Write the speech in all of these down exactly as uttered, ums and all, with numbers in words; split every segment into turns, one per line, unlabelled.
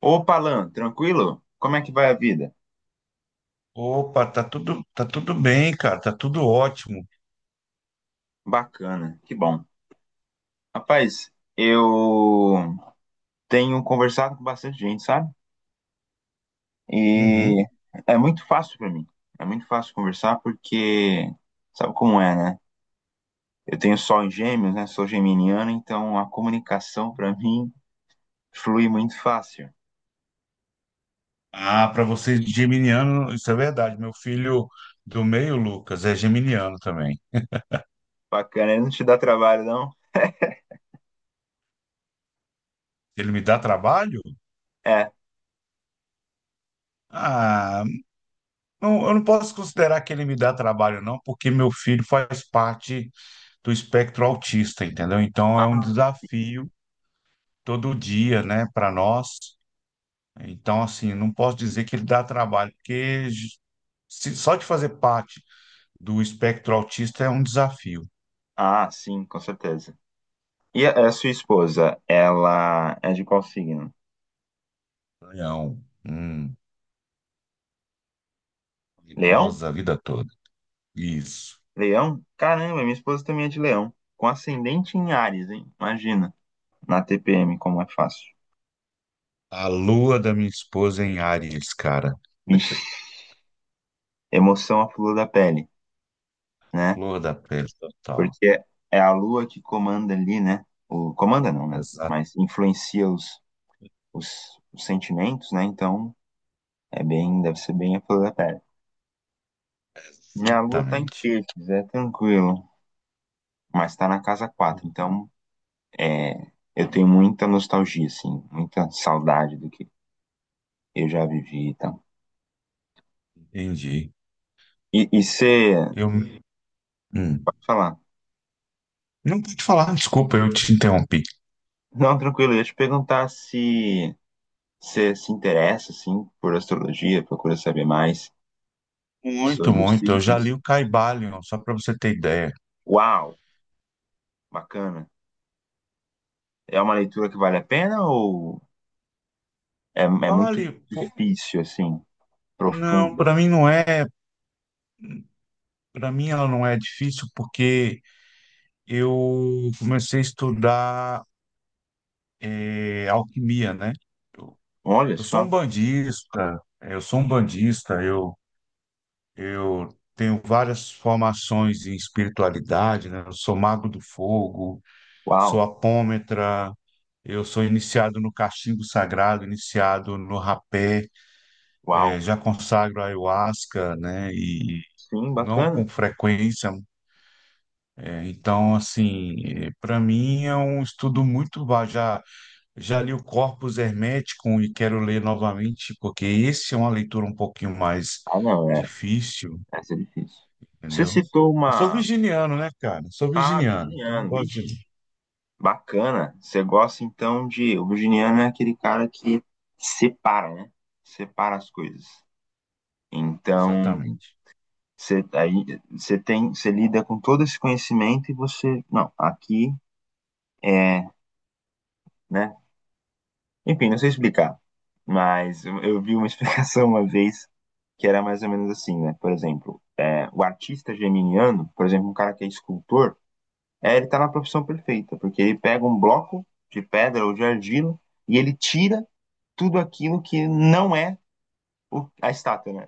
Opa, Alan, tranquilo? Como é que vai a vida?
Opa, tá tudo, tá tudo bem, cara, tá tudo ótimo.
Bacana, que bom. Rapaz, eu tenho conversado com bastante gente, sabe? E
Uhum.
é muito fácil pra mim. É muito fácil conversar porque sabe como é, né? Eu tenho sol em Gêmeos, né? Sou geminiano, então a comunicação pra mim flui muito fácil.
Ah, para vocês geminiano, isso é verdade. Meu filho do meio, Lucas, é geminiano também.
Bacana, não te dá trabalho, não?
Ele me dá trabalho?
É.
Ah, não- eu não posso considerar que ele me dá trabalho, não, porque meu filho faz parte do espectro autista, entendeu? Então é um
Ah,
desafio todo dia, né, para nós. Então, assim, não posso dizer que ele dá trabalho, porque se- só de fazer parte do espectro autista é um desafio.
ah, sim, com certeza. E a a sua esposa, ela é de qual signo?
Leão. Hum,
Leão?
idosa a vida toda. Isso.
Leão? Caramba, minha esposa também é de leão. Com ascendente em Áries, hein? Imagina. Na T P M, como é fácil.
A lua da minha esposa é em Áries, cara.
Ixi, emoção à flor da pele, né?
Flor da pele total.
Porque é a lua que comanda ali, né? O, comanda não, né?
Exa-
Mas influencia os, os, os sentimentos, né? Então, é bem, deve ser bem a flor da pele. Minha lua tá em
exatamente.
peixes, é tranquilo. Mas tá na casa quatro, então é, eu tenho muita nostalgia, assim, muita saudade do que eu já vivi então.
Entendi.
E tal. E você.
Eu, hum.
Pode falar.
Não pude falar, desculpa, eu te interrompi.
Não, tranquilo, eu ia te perguntar se você se interessa, assim, por astrologia, procura saber mais
Muito,
sobre os
muito. Eu já li
signos.
o Caibalion, só para você ter ideia.
Uau, bacana. É uma leitura que vale a pena ou é, é
Vale,
muito
pô,
difícil, assim,
não,
profunda?
para mim não é, para mim ela não é difícil porque eu comecei a estudar eh, alquimia, né?
Olha
Eu sou um
só,
bandista, é, eu sou um bandista, eu, eu tenho várias formações em espiritualidade, né? Eu sou mago do fogo, sou
uau,
apômetra, eu sou iniciado no cachimbo sagrado, iniciado no rapé, eh,
uau.
já consagro ayahuasca, né? E
Sim,
não com
bacana.
frequência. Eh, então, assim, para mim é um estudo muito vasto. Já Já li o Corpus Hermeticum e quero ler novamente, porque esse é uma leitura um pouquinho mais
Ah, não, é,
difícil,
essa é difícil. Você
entendeu?
citou
Eu sou
uma...
virginiano, né, cara? Sou
Ah,
virginiano, então eu
virginiano,
gosto de
ixi. Bacana. Você gosta então de. O virginiano é aquele cara que separa, né? Separa as coisas.
ler.
Então,
Exatamente.
você, aí, você tem, você lida com todo esse conhecimento e você. Não, aqui é, né? Enfim, não sei explicar. Mas eu eu vi uma explicação uma vez que era mais ou menos assim, né? Por exemplo, é, o artista geminiano, por exemplo, um cara que é escultor, é, ele tá na profissão perfeita, porque ele pega um bloco de pedra ou de argila e ele tira tudo aquilo que não é o- a estátua, né?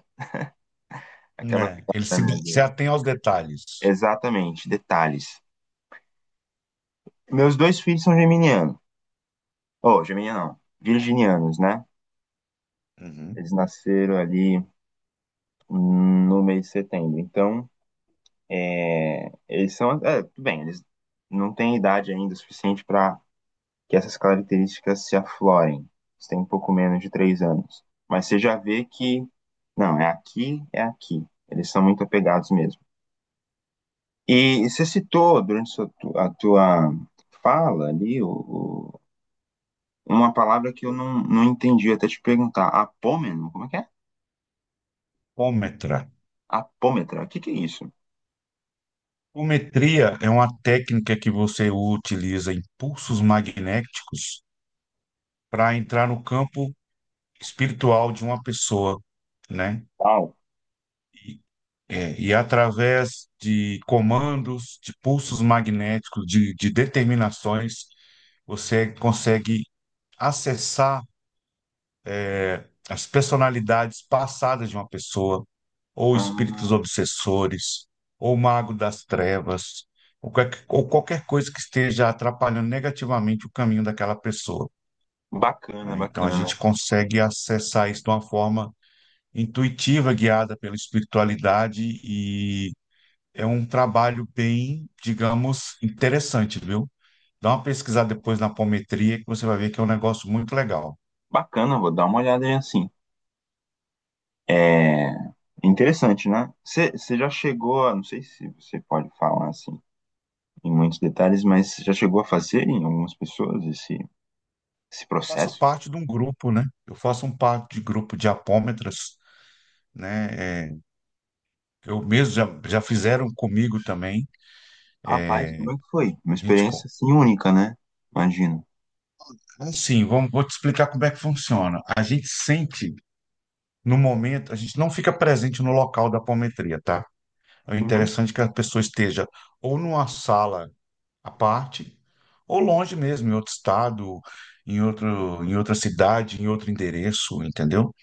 Aquela
É, ele
piada,
se,
né?
se
do-
atém aos detalhes.
Exatamente, detalhes. Meus dois filhos são geminianos. Oh, geminiano não. Virginianos, né?
Uhum.
Eles nasceram ali no mês de setembro. Então, é, eles são. É, tudo bem, eles não têm idade ainda suficiente para que essas características se aflorem. Eles têm um pouco menos de três anos. Mas você já vê que. Não, é aqui, é aqui. Eles são muito apegados mesmo. E, você citou durante sua tu- a tua fala ali o, o- uma palavra que eu não, não entendi até te perguntar. Apômeno, como é que é?
Ômetra.
Apômetra, o que que é isso?
Ometria é uma técnica que você utiliza impulsos magnéticos para entrar no campo espiritual de uma pessoa, né?
Uau.
É, e através de comandos, de pulsos magnéticos, de, de determinações, você consegue acessar é, as personalidades passadas de uma pessoa, ou espíritos
Ah,
obsessores, ou mago das trevas, ou, qualquer- ou qualquer coisa que esteja atrapalhando negativamente o caminho daquela pessoa,
bacana,
né? Então a
bacana.
gente consegue acessar isso de uma forma intuitiva, guiada pela espiritualidade e é um trabalho bem, digamos, interessante, viu? Dá uma pesquisada depois na apometria que você vai ver que é um negócio muito legal.
Bacana, vou dar uma olhada aí assim. É interessante, né? Você você já chegou a, não sei se você pode falar assim em muitos detalhes, mas você já chegou a fazer em algumas pessoas esse, esse
Faço
processo?
parte de um grupo, né? Eu faço um parte de grupo de apômetras, né? É, eu mesmo já, já fizeram comigo também.
Rapaz, como é que foi? Uma
A gente, co-
experiência assim única, né? Imagino.
assim, vamos, vou te explicar como é que funciona. A gente sente no momento, a gente não fica presente no local da apometria, tá? É
Uhum.
interessante que a pessoa esteja ou numa sala à parte, ou longe mesmo, em outro estado, em outro, em outra cidade, em outro endereço, entendeu?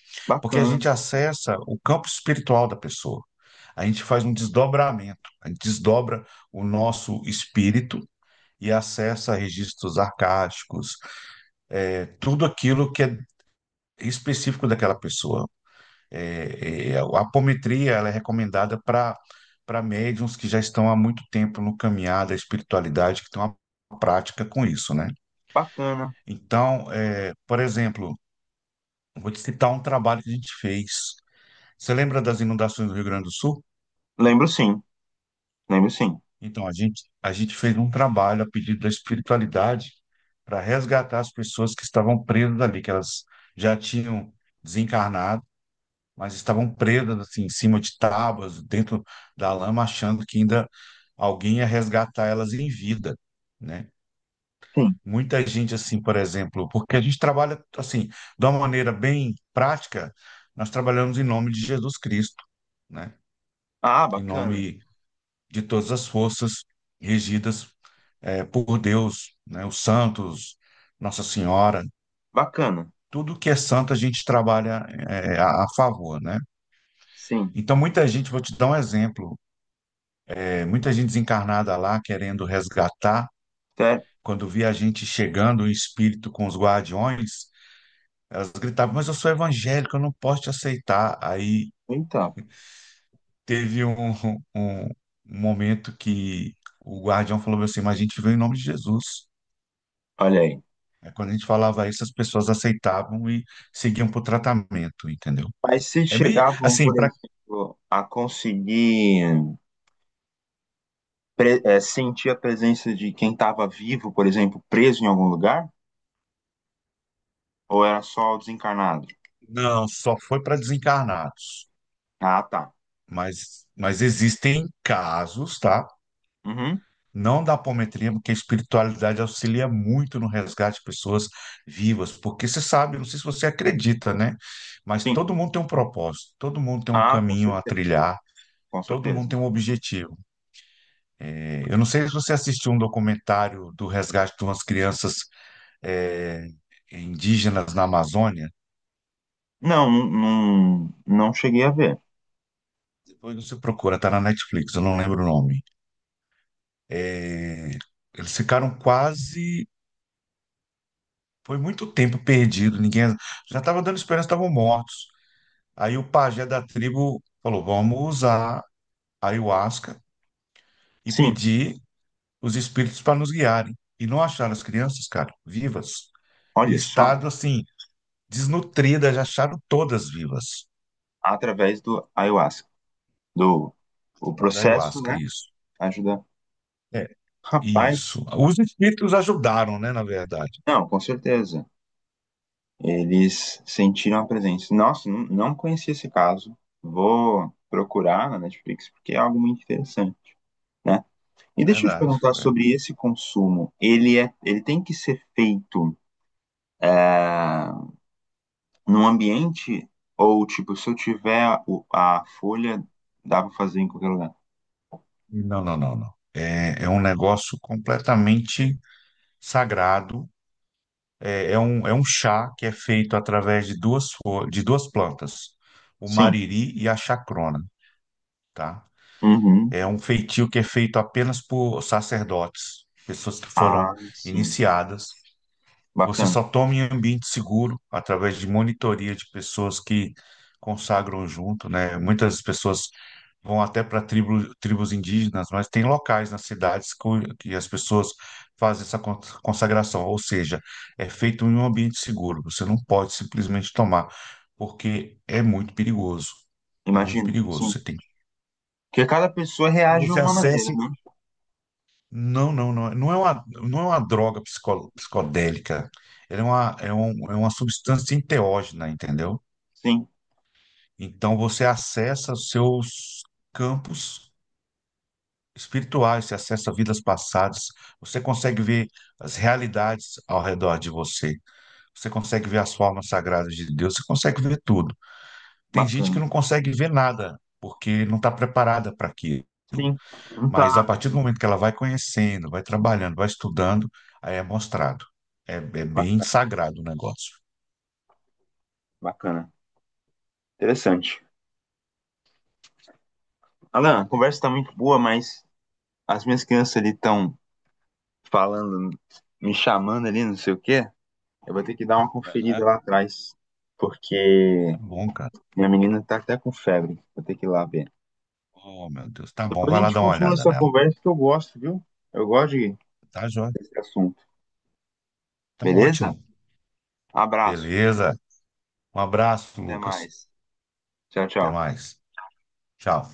Porque a
Bacana,
gente acessa o campo espiritual da pessoa. A gente faz um desdobramento, a gente desdobra o nosso espírito e acessa registros arcásticos, é, tudo aquilo que é específico daquela pessoa. É, é, é, a apometria, ela é recomendada para para médiums que já estão há muito tempo no caminhar da espiritualidade, que estão à prática com isso, né?
bacana.
Então, é, por exemplo, vou te citar um trabalho que a gente fez. Você lembra das inundações do Rio Grande do Sul?
Lembro sim, lembro sim.
Então, a gente, a gente fez um trabalho a pedido da espiritualidade para resgatar as pessoas que estavam presas ali, que elas já tinham desencarnado, mas estavam presas assim, em cima de tábuas, dentro da lama, achando que ainda alguém ia resgatar elas em vida, né?
Sim.
Muita gente, assim, por exemplo, porque a gente trabalha, assim, de uma maneira bem prática, nós trabalhamos em nome de Jesus Cristo, né?
Ah,
Em
bacana,
nome de todas as forças regidas, eh, por Deus, né? Os santos, Nossa Senhora,
bacana.
tudo que é santo a gente trabalha, eh, a, a favor, né?
Sim.
Então, muita gente, vou te dar um exemplo, eh, muita gente desencarnada lá querendo resgatar,
Até...
quando via a gente chegando, o espírito com os guardiões, elas gritavam, mas eu sou evangélico, eu não posso te aceitar. Aí
Eita,
teve um, um, um momento que o guardião falou assim, mas a gente veio em nome de Jesus.
olha aí.
Aí, quando a gente falava isso, as pessoas aceitavam e seguiam para o tratamento, entendeu?
Mas se
É meio
chegavam,
assim,
por
para
exemplo, a conseguir pre- eh, sentir a presença de quem estava vivo, por exemplo, preso em algum lugar? Ou era só o desencarnado?
não, só foi para desencarnados,
Ah, tá.
mas, mas existem casos, tá?
Uhum.
Não da apometria, porque a espiritualidade auxilia muito no resgate de pessoas vivas, porque você sabe, não sei se você acredita, né? Mas
Sim.
todo mundo tem um propósito, todo mundo tem um
Ah, com
caminho a
certeza,
trilhar,
com
todo mundo
certeza.
tem um objetivo. É, eu não sei se você assistiu um documentário do resgate de umas crianças é, indígenas na Amazônia,
Não, não, não não cheguei a ver.
depois você procura, tá na Netflix, eu não lembro o nome. É, eles ficaram quase, foi muito tempo perdido, ninguém já estava dando esperança, estavam mortos. Aí o pajé da tribo falou: vamos usar a ayahuasca e
Sim,
pedir os espíritos para nos guiarem. E não acharam as crianças, cara, vivas, em
olha só,
estado assim, desnutridas, já acharam todas vivas
através do ayahuasca, do o
da
processo,
ayahuasca,
né?
isso.
Ajudar.
É,
Rapaz,
isso. Os espíritos ajudaram, né, na verdade.
não, com certeza. Eles sentiram a presença. Nossa, não não conheci esse caso. Vou procurar na Netflix porque é algo muito interessante, né? E deixa eu te
Verdade,
perguntar
verdade.
sobre esse consumo. Ele é, ele tem que ser feito num ambiente ou tipo, se eu tiver o- a folha, dá pra fazer em qualquer lugar?
Não, não, não, não. É, é um negócio completamente sagrado. É, é um, é um chá que é feito através de duas, fo- de duas plantas, o
Sim.
mariri e a chacrona, tá?
Uhum.
É um feitio que é feito apenas por sacerdotes, pessoas que foram
Ah, sim.
iniciadas. Você
Bacana.
só toma em ambiente seguro através de monitoria de pessoas que consagram junto, né? Muitas pessoas vão até para tribo, tribos indígenas, mas tem locais nas cidades co- que as pessoas fazem essa con- consagração, ou seja, é feito em um ambiente seguro. Você não pode simplesmente tomar, porque é muito perigoso. É muito
Imagino.
perigoso.
Sim.
Você tem que
Porque cada pessoa reage de
você
uma maneira,
acessa
né?
não, não, não. é- Não é uma, não é uma droga psico- psicodélica. Ele é uma, é um, é uma substância enteógena, entendeu?
Sim.
Então você acessa os seus campos espirituais, você acessa vidas passadas, você consegue ver as realidades ao redor de você, você consegue ver as formas sagradas de Deus, você consegue ver tudo. Tem gente que
Bacana.
não consegue ver nada, porque não está preparada para aquilo.
Sim, não
Mas a
tá.
partir do momento que ela vai conhecendo, vai trabalhando, vai estudando, aí é mostrado. É, é bem
Bacana,
sagrado o negócio.
bacana. Interessante. Alan, a conversa tá muito boa, mas as minhas crianças ali estão falando, me chamando ali, não sei o quê. Eu vou ter que dar uma
Aham.
conferida lá atrás,
Tá
porque
bom, cara.
minha menina tá até com febre. Vou ter que ir lá ver.
Oh, meu Deus. Tá bom,
Depois
vai
a
lá
gente
dar uma
continua
olhada
essa
nela.
conversa que eu gosto, viu? Eu gosto de-
Tá, joia?
desse assunto.
Tá
Beleza?
ótimo.
Um abraço.
Beleza. Um abraço,
Até
Lucas.
mais. Tchau,
Até
tchau.
mais. Tchau.